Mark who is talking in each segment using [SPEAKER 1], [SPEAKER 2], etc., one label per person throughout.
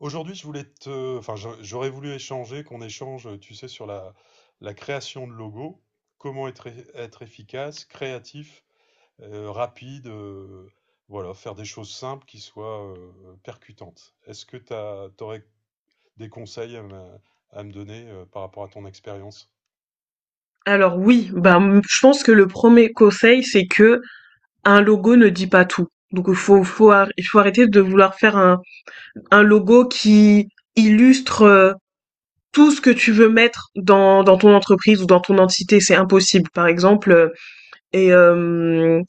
[SPEAKER 1] Aujourd'hui, je voulais te, enfin, j'aurais voulu échanger, qu'on échange, tu sais, sur la création de logos, comment être, être efficace, créatif, rapide, voilà, faire des choses simples qui soient percutantes. Est-ce que tu aurais des conseils à me donner par rapport à ton expérience?
[SPEAKER 2] Alors oui, bah, mmh, je pense que le premier conseil, c'est que un logo ne dit pas tout. Donc il faut arrêter de vouloir faire un logo qui illustre, tout ce que tu veux mettre dans ton entreprise ou dans ton entité, c'est impossible. Par exemple, et hem,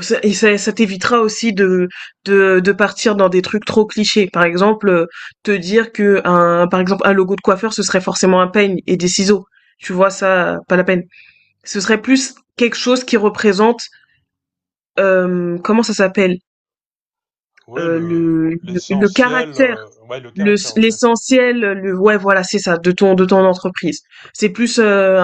[SPEAKER 2] ça et ça ça t'évitera aussi de partir dans des trucs trop clichés. Par exemple, te dire que un par exemple, un logo de coiffeur, ce serait forcément un peigne et des ciseaux. Tu vois? Ça, pas la peine. Ce serait plus quelque chose qui représente, comment ça s'appelle?
[SPEAKER 1] Oui, le,
[SPEAKER 2] Le
[SPEAKER 1] l'essentiel,
[SPEAKER 2] caractère,
[SPEAKER 1] ouais, le
[SPEAKER 2] le
[SPEAKER 1] caractère, ok.
[SPEAKER 2] l'essentiel, le ouais, voilà, c'est ça, de ton entreprise. C'est plus,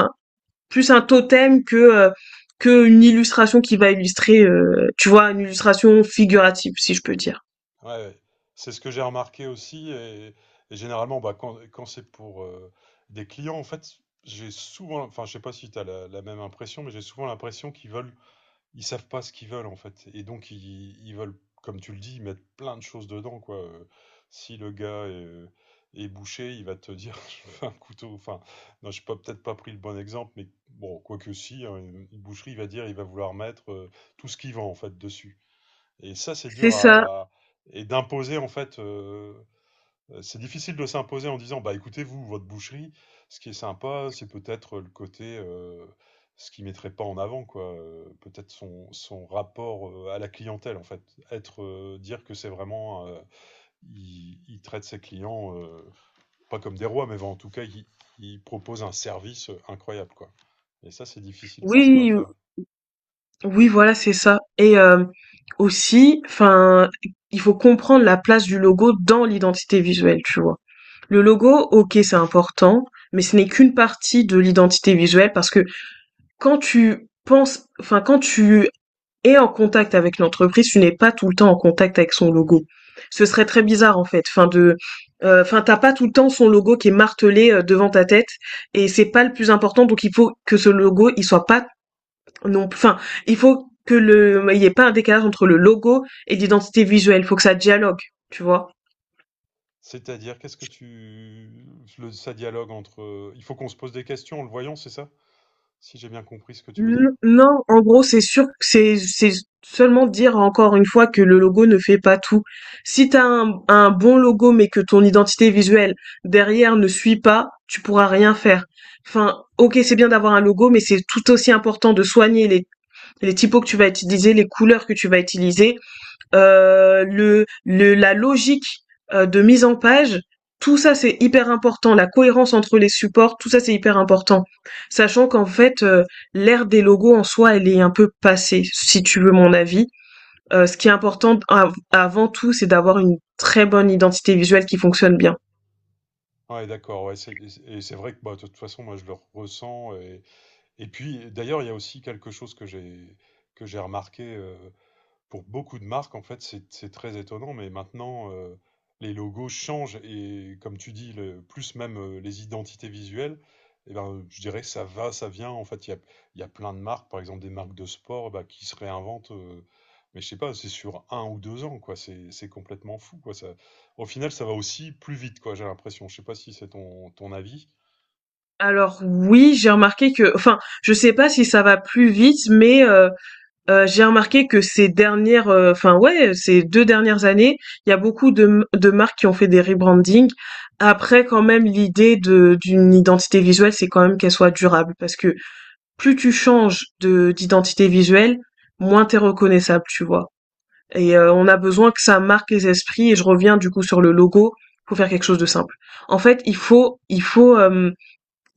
[SPEAKER 2] plus un totem que une illustration qui va illustrer, tu vois? Une illustration figurative, si je peux dire.
[SPEAKER 1] Ouais, ouais. C'est ce que j'ai remarqué aussi. Et généralement, bah, quand c'est pour des clients, en fait, j'ai souvent, enfin, je sais pas si tu as la même impression, mais j'ai souvent l'impression qu'ils veulent, ils savent pas ce qu'ils veulent, en fait. Et donc, ils veulent, comme tu le dis, mettre plein de choses dedans, quoi. Si le gars est, est bouché, il va te dire, je veux un couteau. Enfin, non, je n'ai peut-être pas pris le bon exemple, mais bon, quoique si, hein, une boucherie, il va dire, il va vouloir mettre tout ce qu'il vend, en fait, dessus. Et ça, c'est
[SPEAKER 2] C'est
[SPEAKER 1] dur
[SPEAKER 2] ça.
[SPEAKER 1] à. Et d'imposer, en fait, c'est difficile de s'imposer en disant, bah écoutez, vous, votre boucherie, ce qui est sympa, c'est peut-être le côté, ce qui mettrait pas en avant, quoi. Peut-être son, son rapport à la clientèle, en fait. Être, dire que c'est vraiment, il traite ses clients pas comme des rois, mais bon, en tout cas, il propose un service incroyable, quoi. Et ça, c'est difficile parfois à
[SPEAKER 2] Oui,
[SPEAKER 1] faire.
[SPEAKER 2] Oui, voilà, c'est ça. Et aussi, enfin, il faut comprendre la place du logo dans l'identité visuelle, tu vois. Le logo, ok, c'est important, mais ce n'est qu'une partie de l'identité visuelle parce que quand tu penses, enfin, quand tu es en contact avec l'entreprise, tu n'es pas tout le temps en contact avec son logo. Ce serait très bizarre en fait. Enfin de, enfin t'as pas tout le temps son logo qui est martelé devant ta tête, et c'est pas le plus important. Donc il faut que ce logo il soit pas non, enfin, il faut que il y ait pas un décalage entre le logo et l'identité visuelle. Il faut que ça dialogue, tu vois.
[SPEAKER 1] C'est-à-dire, qu'est-ce que tu le ça dialogue entre, il faut qu'on se pose des questions en le voyant, c'est ça? Si j'ai bien compris ce que tu veux dire?
[SPEAKER 2] Non, en gros, c'est sûr, que c'est seulement dire encore une fois que le logo ne fait pas tout. Si t'as un bon logo, mais que ton identité visuelle derrière ne suit pas, tu pourras rien faire. Enfin, ok, c'est bien d'avoir un logo, mais c'est tout aussi important de soigner les typos que tu vas utiliser, les couleurs que tu vas utiliser, la logique de mise en page, tout ça c'est hyper important. La cohérence entre les supports, tout ça c'est hyper important. Sachant qu'en fait, l'ère des logos en soi, elle est un peu passée, si tu veux mon avis. Ce qui est important avant tout, c'est d'avoir une très bonne identité visuelle qui fonctionne bien.
[SPEAKER 1] Ouais, d'accord, ouais, c'est et c'est vrai que, bah, de toute façon, moi, je le ressens et puis, d'ailleurs, il y a aussi quelque chose que j'ai remarqué, pour beaucoup de marques, en fait, c'est très étonnant, mais maintenant, les logos changent et, comme tu dis, le, plus même les identités visuelles, eh ben, je dirais que ça va, ça vient. En fait, il y a plein de marques, par exemple des marques de sport, bah, qui se réinventent, mais je sais pas, c'est sur un ou deux ans, quoi. C'est complètement fou, quoi. Ça, au final, ça va aussi plus vite, quoi, j'ai l'impression. Je sais pas si c'est ton, ton avis.
[SPEAKER 2] Alors oui, j'ai remarqué que, enfin, je sais pas si ça va plus vite, mais j'ai remarqué que ces dernières, enfin ouais, ces 2 dernières années, il y a beaucoup de marques qui ont fait des rebrandings. Après quand même l'idée de d'une identité visuelle, c'est quand même qu'elle soit durable parce que plus tu changes de d'identité visuelle, moins t'es reconnaissable, tu vois? Et on a besoin que ça marque les esprits, et je reviens du coup sur le logo, faut faire quelque chose de simple. En fait, il faut, hem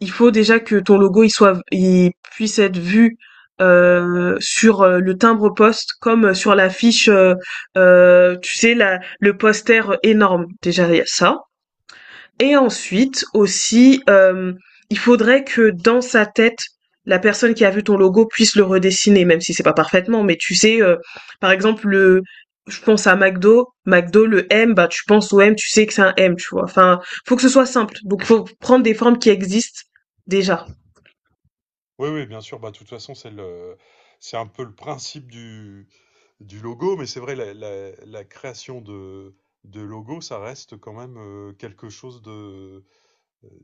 [SPEAKER 2] il faut déjà que ton logo, il puisse être vu, sur, le timbre poste comme sur l'affiche, tu sais la le poster énorme. Déjà, il y a ça. Et ensuite aussi, il faudrait que dans sa tête, la personne qui a vu ton logo puisse le redessiner, même si c'est pas parfaitement. Mais tu sais, par exemple, je pense à McDo, McDo, le M, bah tu penses au M, tu sais que c'est un M, tu vois. Enfin, faut que ce soit simple. Donc, faut prendre des formes qui existent déjà.
[SPEAKER 1] Oui, oui, bien sûr. Bah, de toute façon, c'est le, c'est un peu le principe du logo, mais c'est vrai, la création de logo, ça reste quand même quelque chose de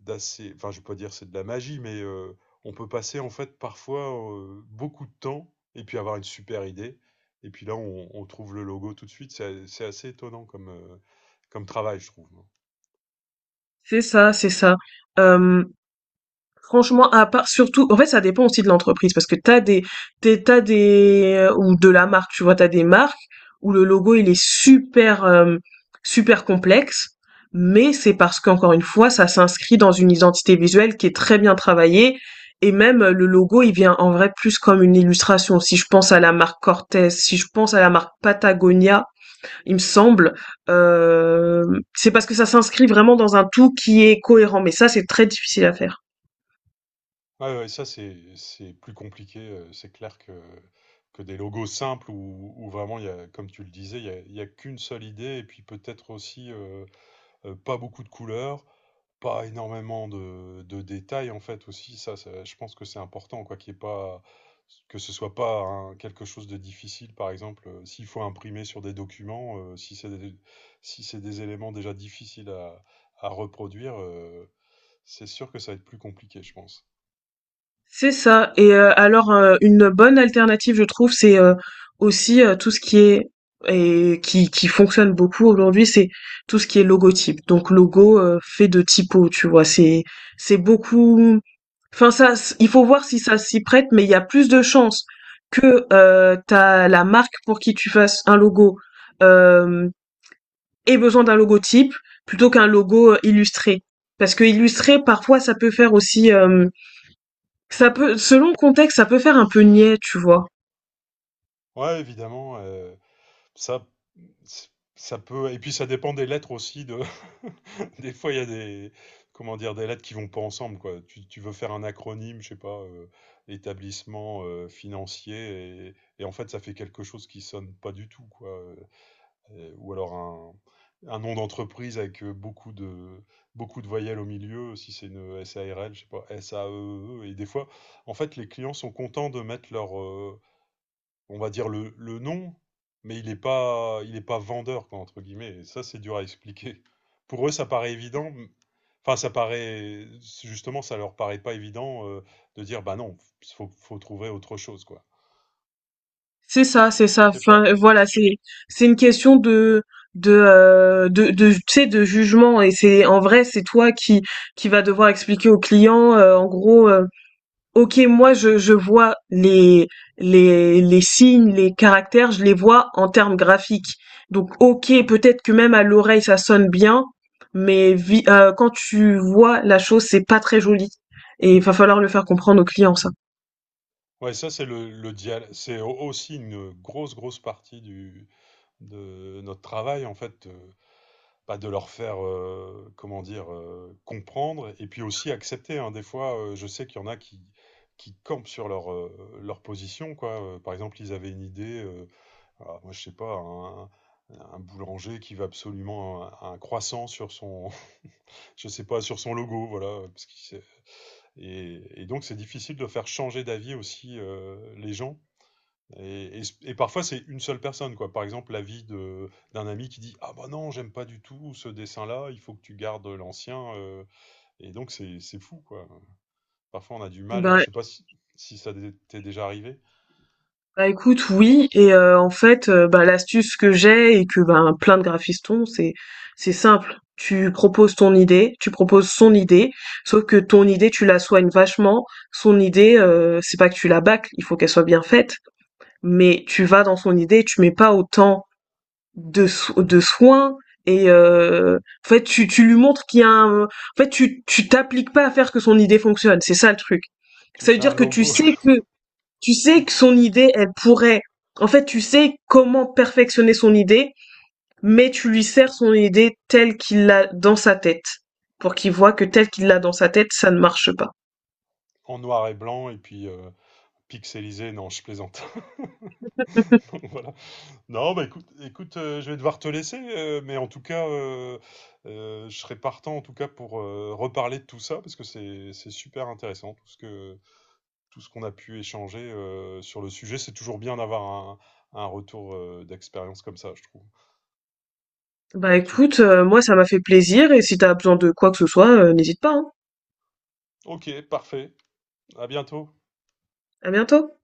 [SPEAKER 1] d'assez. Enfin, je ne vais pas dire c'est de la magie, mais on peut passer en fait parfois beaucoup de temps et puis avoir une super idée. Et puis là, on trouve le logo tout de suite. C'est assez étonnant comme, comme travail, je trouve.
[SPEAKER 2] C'est ça, c'est ça. Euh, Franchement, à part surtout, en fait, ça dépend aussi de l'entreprise parce que t'as des, t'as des, ou de la marque, tu vois, t'as des marques où le logo il est super, super complexe, mais c'est parce qu'encore une fois, ça s'inscrit dans une identité visuelle qui est très bien travaillée et même le logo il vient en vrai plus comme une illustration. Si je pense à la marque Cortez, si je pense à la marque Patagonia, il me semble. Euh, c'est parce que ça s'inscrit vraiment dans un tout qui est cohérent, mais ça, c'est très difficile à faire.
[SPEAKER 1] Ouais, ouais, ça c'est plus compliqué, c'est clair que des logos simples où vraiment il y a comme tu le disais, il y a qu'une seule idée et puis peut-être aussi, pas beaucoup de couleurs, pas énormément de détails en fait aussi. Ça je pense que c'est important quoi, qu'il y ait pas que ce soit pas un quelque chose de difficile par exemple, s'il faut imprimer sur des documents, si c'est des si c'est des éléments déjà difficiles à reproduire, c'est sûr que ça va être plus compliqué je pense.
[SPEAKER 2] C'est ça, et alors, une bonne alternative, je trouve, c'est, aussi, tout ce qui est et qui fonctionne beaucoup aujourd'hui, c'est tout ce qui est logotype. Donc logo, fait de typo, tu vois? C'est beaucoup enfin ça s il faut voir si ça s'y prête, mais il y a plus de chances que, ta la marque pour qui tu fasses un logo, hem, ait besoin d'un logotype plutôt qu'un logo, illustré. Parce qu'illustré, parfois, ça peut faire aussi, ça peut selon le contexte, ça peut faire un peu niais, tu vois?
[SPEAKER 1] Ouais, évidemment, ça c ça peut et puis ça dépend des lettres aussi de des fois il y a des comment dire? Des lettres qui vont pas ensemble quoi. Tu veux faire un acronyme, je sais pas, établissement, financier et en fait ça fait quelque chose qui sonne pas du tout quoi, et ou alors un nom d'entreprise avec, beaucoup de voyelles au milieu, si c'est une SARL, je sais pas, SAEE et des fois, en fait, les clients sont contents de mettre leur, euh, on va dire le nom, mais il est pas vendeur, quoi, entre guillemets. Et ça, c'est dur à expliquer. Pour eux, ça paraît évident. Enfin, ça paraît, justement, ça leur paraît pas évident de dire, bah non, faut trouver autre chose, quoi.
[SPEAKER 2] C'est ça, c'est ça.
[SPEAKER 1] Je sais pas.
[SPEAKER 2] Enfin, voilà, c'est une question de de tu sais, de jugement, et c'est en vrai, c'est toi qui va devoir expliquer au client, en gros, «OK, moi, je vois les les signes, les caractères, je les vois en termes graphiques. Donc OK, peut-être que même à l'oreille, ça sonne bien, mais vi quand tu vois la chose, c'est pas très joli», et il va falloir le faire comprendre au client ça.
[SPEAKER 1] Ouais, ça, c'est le, C'est aussi une grosse partie du, de notre travail, en fait. Bah, de leur faire, comment dire, comprendre et puis aussi accepter. Hein. Des fois, je sais qu'il y en a qui campent sur leur, leur position, quoi. Par exemple, ils avaient une idée, ah, moi je sais pas, un boulanger qui veut absolument un croissant sur son, je sais pas, sur son logo, voilà. Parce et, donc c'est difficile de faire changer d'avis aussi les gens. Et, et parfois, c'est une seule personne, quoi. Par exemple, l'avis de, d'un ami qui dit, ah bah non, j'aime pas du tout ce dessin-là, il faut que tu gardes l'ancien. Et donc, c'est fou, quoi. Parfois, on a du mal, je
[SPEAKER 2] Bah
[SPEAKER 1] sais pas si, si t'est déjà arrivé.
[SPEAKER 2] bah, écoute, oui, et bah, l'astuce que j'ai et que, ben, plein de graphistes ont, c'est simple. Tu proposes ton idée, tu proposes son idée, sauf que ton idée, tu la soignes vachement. Son idée, c'est pas que tu la bâcles, il faut qu'elle soit bien faite, mais tu vas dans son idée, tu mets pas autant de soins. Et tu lui montres qu'il y a un en fait, tu t'appliques pas à faire que son idée fonctionne, c'est ça le truc.
[SPEAKER 1] Tu
[SPEAKER 2] Ça veut
[SPEAKER 1] fais un
[SPEAKER 2] dire que
[SPEAKER 1] logo
[SPEAKER 2] tu sais
[SPEAKER 1] tu,
[SPEAKER 2] que son idée, elle pourrait. En fait, tu sais comment perfectionner son idée, mais tu lui sers son idée telle qu'il l'a dans sa tête, pour qu'il voit que telle qu'il l'a dans sa tête, ça ne marche pas.
[SPEAKER 1] en noir et blanc et puis pixelisé. Non, je plaisante. Donc, voilà. Non, bah écoute, écoute je vais devoir te laisser, mais en tout cas, je serais partant en tout cas pour reparler de tout ça parce que c'est super intéressant, tout ce qu'on a pu échanger sur le sujet. C'est toujours bien d'avoir un retour d'expérience comme ça, je trouve.
[SPEAKER 2] Bah écoute, moi ça m'a fait plaisir, et si t'as besoin de quoi que ce soit, n'hésite pas, hein.
[SPEAKER 1] Ok, parfait. À bientôt.
[SPEAKER 2] À bientôt.